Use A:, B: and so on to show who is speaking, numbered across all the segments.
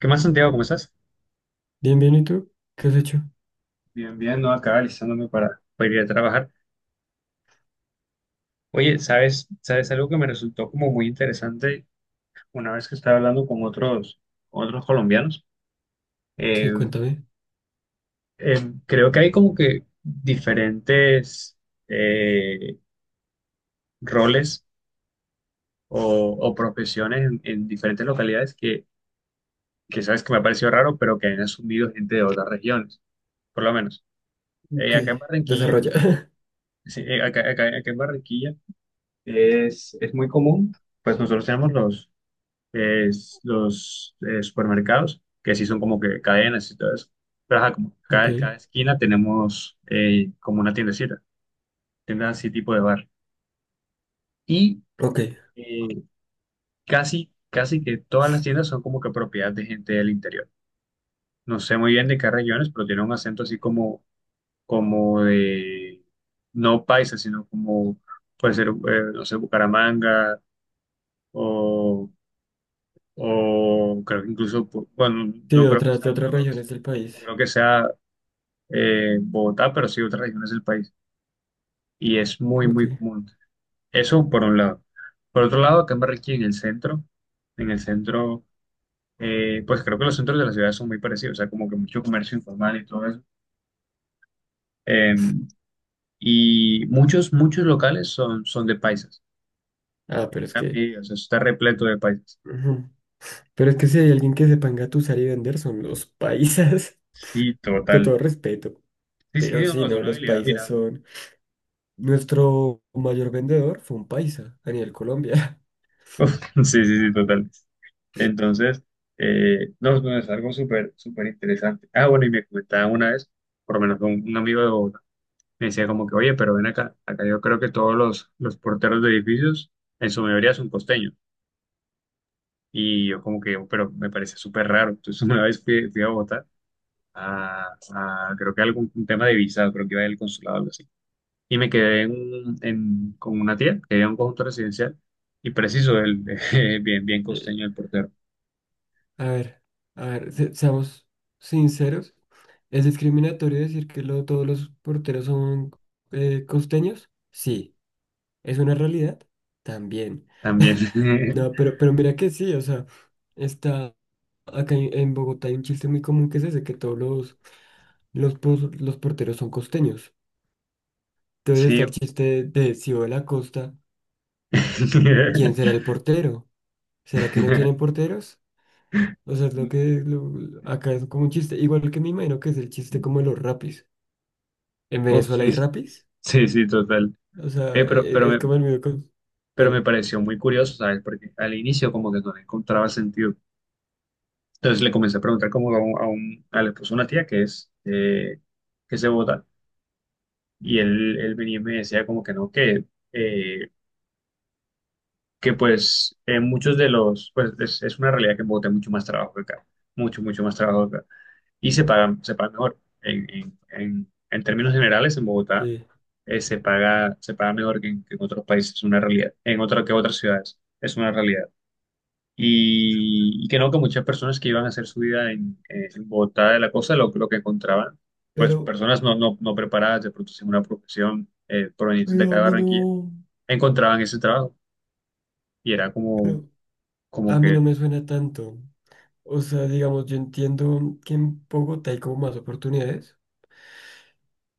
A: ¿Qué más, Santiago? ¿Cómo estás?
B: Bien, bien, ¿y tú? ¿Qué has hecho?
A: Bien, bien, no acá alistándome para ir a trabajar. Oye, ¿ sabes algo que me resultó como muy interesante una vez que estaba hablando con con otros colombianos? Eh,
B: Sí, cuéntame.
A: Creo que hay como que diferentes eh, roles o, o profesiones en diferentes localidades que sabes que me ha parecido raro, pero que han asumido gente de otras regiones, por lo menos.
B: Ok,
A: Acá en Barranquilla,
B: desarrolla.
A: sí, acá en Barranquilla es muy común, pues nosotros tenemos eh, los supermercados, que sí son como que cadenas y todo eso, pero ajá, como
B: Ok,
A: cada esquina tenemos como una tiendecita, tienda así tipo de bar. Y
B: ok.
A: eh, casi que todas las tiendas son como que propiedad de gente del interior. No sé muy bien de qué regiones, pero tiene un acento así como, como de, no paisa, sino como puede ser, no sé, Bucaramanga o creo que incluso, bueno,
B: Sí, de otras regiones del
A: no
B: país.
A: creo que sea Bogotá, pero sí otras regiones del país. Y es muy,
B: Ok.
A: muy común. Eso por un lado. Por otro lado, acá en Barranquilla, en el centro, pues creo que los centros de la ciudad son muy parecidos, o sea, como que mucho comercio informal y todo eso. Eh, y muchos locales son de paisas.
B: Ah, pero es que...
A: Sí, o sea, está repleto de paisas.
B: ujú. Pero es que si hay alguien que sepa engatusar y vender son los paisas,
A: Sí,
B: con
A: total.
B: todo respeto.
A: Sí, sí,
B: Pero sí,
A: no, es
B: no,
A: una
B: los
A: habilidad
B: paisas
A: admirable.
B: son... Nuestro mayor vendedor fue un paisa a nivel Colombia.
A: Sí, sí, sí, total. Entonces, no, no, es algo súper, súper interesante. Ah, bueno, y me comentaba una vez, por lo menos con un amigo de Bogotá, me decía como que, oye, pero ven acá, acá yo creo que todos los porteros de edificios, en su mayoría son costeños. Y yo como que, pero me parece súper raro. Entonces una vez fui a Bogotá, a, creo que algún un tema de visado, creo que iba del consulado o algo así. Y me quedé con una tía, que era en un conjunto residencial, y preciso, el, bien, bien
B: Eh,
A: costeño el portero.
B: A ver, a ver, seamos sinceros. ¿Es discriminatorio decir que todos los porteros son costeños? Sí. ¿Es una realidad? También.
A: También,
B: No, pero mira que sí, o sea, está acá en Bogotá hay un chiste muy común que es ese, que todos los, los porteros son costeños. Entonces está
A: sí,
B: el chiste de, si voy a la costa, ¿quién será el portero? ¿Será que no tienen porteros? O sea, es lo que acá es como un chiste, igual que me imagino que es el chiste como de los rapis. ¿En
A: Uf,
B: Venezuela
A: sí,
B: hay rapis?
A: sí, sí, total.
B: O sea,
A: Eh, pero, pero,
B: es,
A: me,
B: como el mío con...
A: pero me
B: Dime.
A: pareció muy curioso, ¿sabes? Porque al inicio como que no le encontraba sentido. Entonces le comencé a preguntar como a un, a la esposa de una tía que es que se vota. Y él venía y me decía como que no, eh, que pues en muchos de los, pues es una realidad que en Bogotá hay mucho más trabajo que acá. Mucho, mucho más trabajo acá. Y se pagan mejor. En términos generales, en Bogotá
B: Sí.
A: se paga mejor que en otros países, es una realidad, en otras que otras ciudades, es una realidad. Y que no, que muchas personas que iban a hacer su vida en en Bogotá de la costa, lo que encontraban, pues
B: Pero,
A: personas no, no, no preparadas, de pronto sin una profesión provenientes de
B: pero
A: acá
B: a
A: de
B: mí
A: Barranquilla,
B: no.
A: encontraban ese trabajo. Y era como,
B: A
A: como
B: mí no
A: que,
B: me suena tanto. O sea, digamos, yo entiendo que en Bogotá hay como más oportunidades,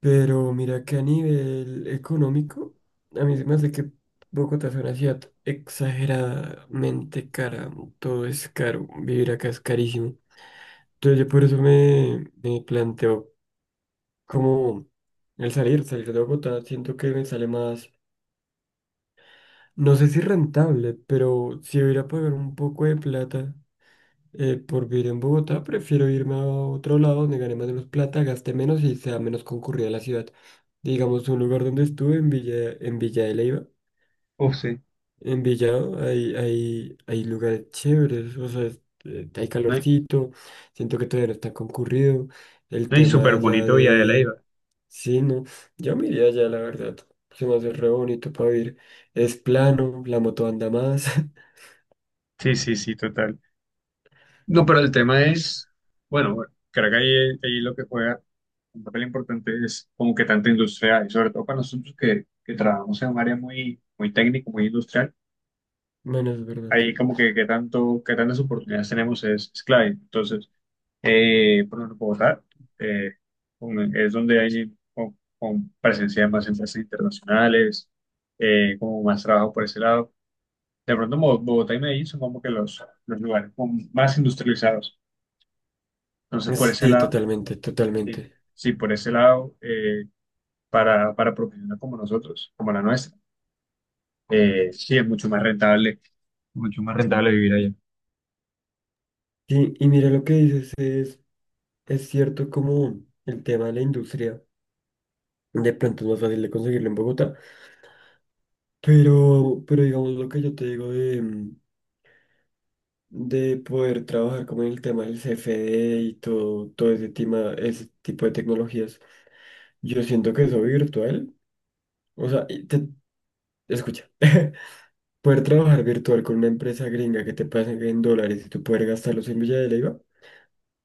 B: pero mira que a nivel económico, a mí se me hace que Bogotá es una ciudad exageradamente cara. Todo es caro, vivir acá es carísimo. Entonces yo por eso me planteo como el salir de Bogotá, siento que me sale más, no sé si rentable, pero si hubiera a pagar un poco de plata. Por vivir en Bogotá, prefiero irme a otro lado donde gane más menos plata, gaste menos y sea menos concurrida la ciudad. Digamos, un lugar donde estuve en en Villa de Leyva,
A: uff, sí,
B: en Villado, hay lugares chéveres, o sea, hay
A: ¿no?
B: calorcito, siento que todavía no está concurrido. El
A: Y súper
B: tema ya
A: bonito Villa de
B: de...
A: Leyva.
B: Sí, no, yo me iría allá, la verdad. Se me hace re bonito para vivir. Es plano, la moto anda más.
A: Sí, sí, sí, total. No, pero el tema es, bueno, bueno, creo que ahí lo que juega un papel importante es como que tanta industria hay, sobre todo para nosotros que trabajamos en un área muy, muy técnica, muy industrial,
B: Bueno, es verdad.
A: ahí como que, qué tanto, qué tantas oportunidades tenemos es clave. Entonces, por ejemplo, Bogotá eh, es donde hay con presencia de más empresas internacionales, como más trabajo por ese lado. De pronto, Bogotá y Medellín son como que los lugares como más industrializados. Entonces, por ese
B: Sí,
A: lado
B: totalmente,
A: Sí,
B: totalmente.
A: sí, por ese lado, para profesionales como nosotros, como la nuestra, sí es mucho más rentable vivir allá.
B: Sí, y mira lo que dices, es cierto como el tema de la industria, de pronto es más fácil de conseguirlo en Bogotá, pero digamos lo que yo te digo de, de poder trabajar como en el tema del CFD y todo, todo ese tema, ese tipo de tecnologías, yo siento que eso virtual, o sea, y escucha, poder trabajar virtual con una empresa gringa que te pasen en dólares y tú poder gastarlos en Villa de Leyva.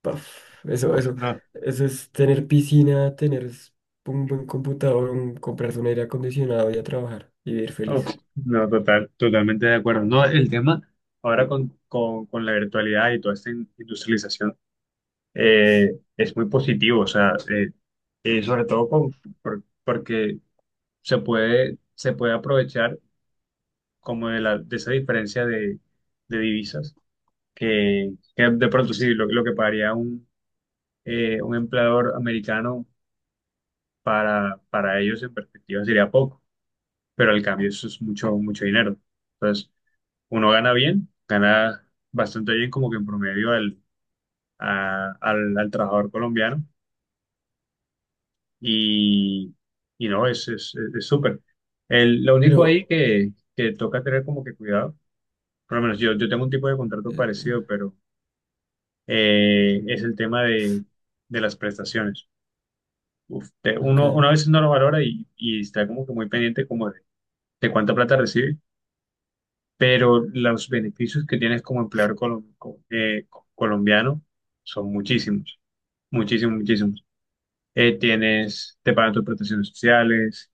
B: Paf,
A: Uf,
B: eso,
A: no,
B: eso es tener piscina, un buen computador, comprarse un aire acondicionado y a trabajar y vivir
A: uf,
B: feliz.
A: no, total, totalmente de acuerdo. No, el tema ahora con la virtualidad y toda esta industrialización es muy positivo, o sea, sobre todo porque se puede aprovechar como de, de esa diferencia de divisas que de pronto sí, lo que pagaría un empleador americano para ellos en perspectiva sería poco, pero al cambio eso es mucho, mucho dinero. Entonces, uno gana bien, gana bastante bien como que en promedio al al trabajador colombiano y, y no, es súper. Lo único ahí
B: Pero,
A: que toca tener como que cuidado, por lo menos yo, yo tengo un tipo de contrato parecido,
B: eh,
A: pero es el tema de las prestaciones. Uf,
B: ok,
A: uno a veces no lo valora y está como que muy pendiente como de cuánta plata recibe, pero los beneficios que tienes como empleador colombiano son muchísimos, muchísimos, muchísimos. Tienes, te pagan tus protecciones sociales,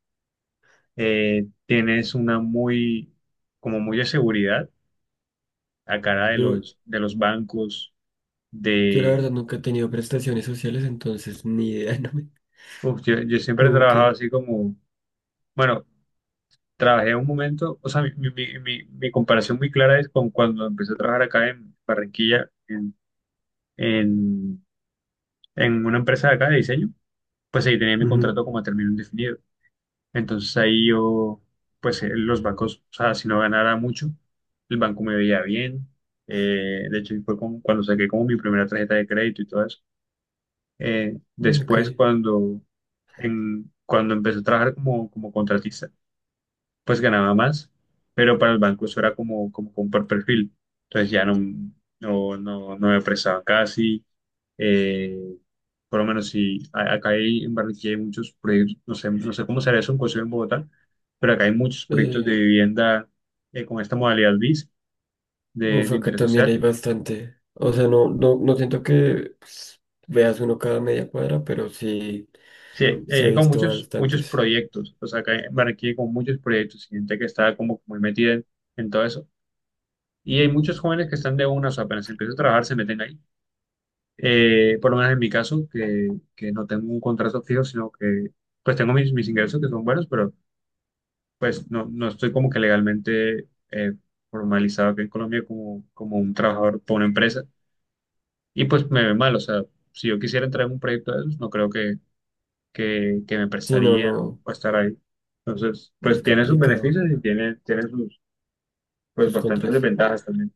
A: tienes una muy, como muy de seguridad a cara de
B: yo,
A: de los bancos,
B: yo la
A: de,
B: verdad nunca he tenido prestaciones sociales, entonces ni idea, no me...
A: uf, yo siempre he
B: Como
A: trabajado
B: que...
A: así como, bueno, trabajé un momento, o sea, mi comparación muy clara es con cuando empecé a trabajar acá en Barranquilla, en, en una empresa de acá de diseño, pues ahí tenía mi
B: ujú.
A: contrato como a término indefinido. Entonces ahí yo, pues los bancos, o sea, si no ganara mucho, el banco me veía bien. De hecho, fue como cuando saqué como mi primera tarjeta de crédito y todo eso.
B: Ok.
A: Después, cuando empecé a trabajar como contratista, pues ganaba más, pero para el banco eso era como por perfil. Entonces no me prestaban casi. eh, por lo menos si a- acá hay, en Barranquilla hay muchos proyectos, no sé, no sé cómo será eso en Concepción, en Bogotá, pero acá hay muchos proyectos de
B: Eh,
A: vivienda con esta modalidad BIS
B: uf,
A: de
B: acá
A: interés
B: también hay
A: social.
B: bastante. O sea, no, no, no siento que pues, veas uno cada media cuadra, pero sí,
A: Sí,
B: sí he
A: hay como
B: visto
A: muchos, muchos
B: bastantes.
A: proyectos. O sea, acá en Barranquilla hay como muchos proyectos, gente que está como muy metida en todo eso. Y hay muchos jóvenes que están de una, o sea, apenas empieza a trabajar, se meten ahí. Por lo menos en mi caso, que no tengo un contrato fijo, sino que pues tengo mis ingresos que son buenos, pero pues no, no estoy como que legalmente formalizado aquí en Colombia como, como un trabajador por una empresa. Y pues me ve mal, o sea, si yo quisiera entrar en un proyecto de esos, no creo que me
B: Sí, no,
A: prestarían
B: no,
A: o estar ahí. Entonces, pues
B: es
A: tiene sus
B: complicado
A: beneficios y tiene sus pues
B: sus
A: bastantes
B: contras.
A: desventajas también.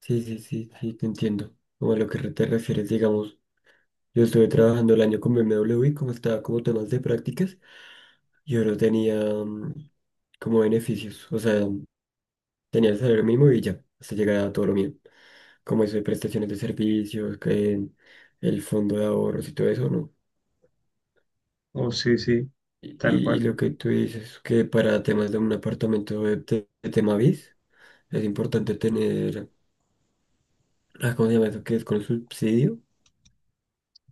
B: Sí, sí, sí, sí, te entiendo. Como a lo que te refieres, digamos, yo estuve trabajando el año con BMW, como estaba como temas de prácticas, yo no tenía como beneficios, o sea, tenía el salario mínimo y ya, hasta llegar a todo lo mío. Como eso de prestaciones de servicios, que el fondo de ahorros y todo eso, ¿no?
A: Oh, sí, sí, tal
B: Y
A: cual.
B: lo que tú dices, que para temas de un apartamento de tema BIS, es importante tener, ah, ¿cómo se llama eso? Que es con subsidio.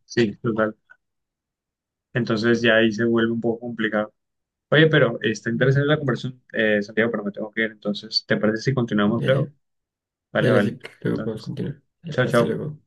A: Sí, total. Entonces ya ahí se vuelve un poco complicado. Oye, pero está
B: Mm.
A: interesante la conversación, Santiago, pero me tengo que ir. Entonces, ¿te parece si continuamos luego?
B: Dale.
A: Vale,
B: Dale, sí,
A: vale.
B: luego podemos
A: Entonces,
B: continuar.
A: chao,
B: Hasta
A: chao.
B: luego.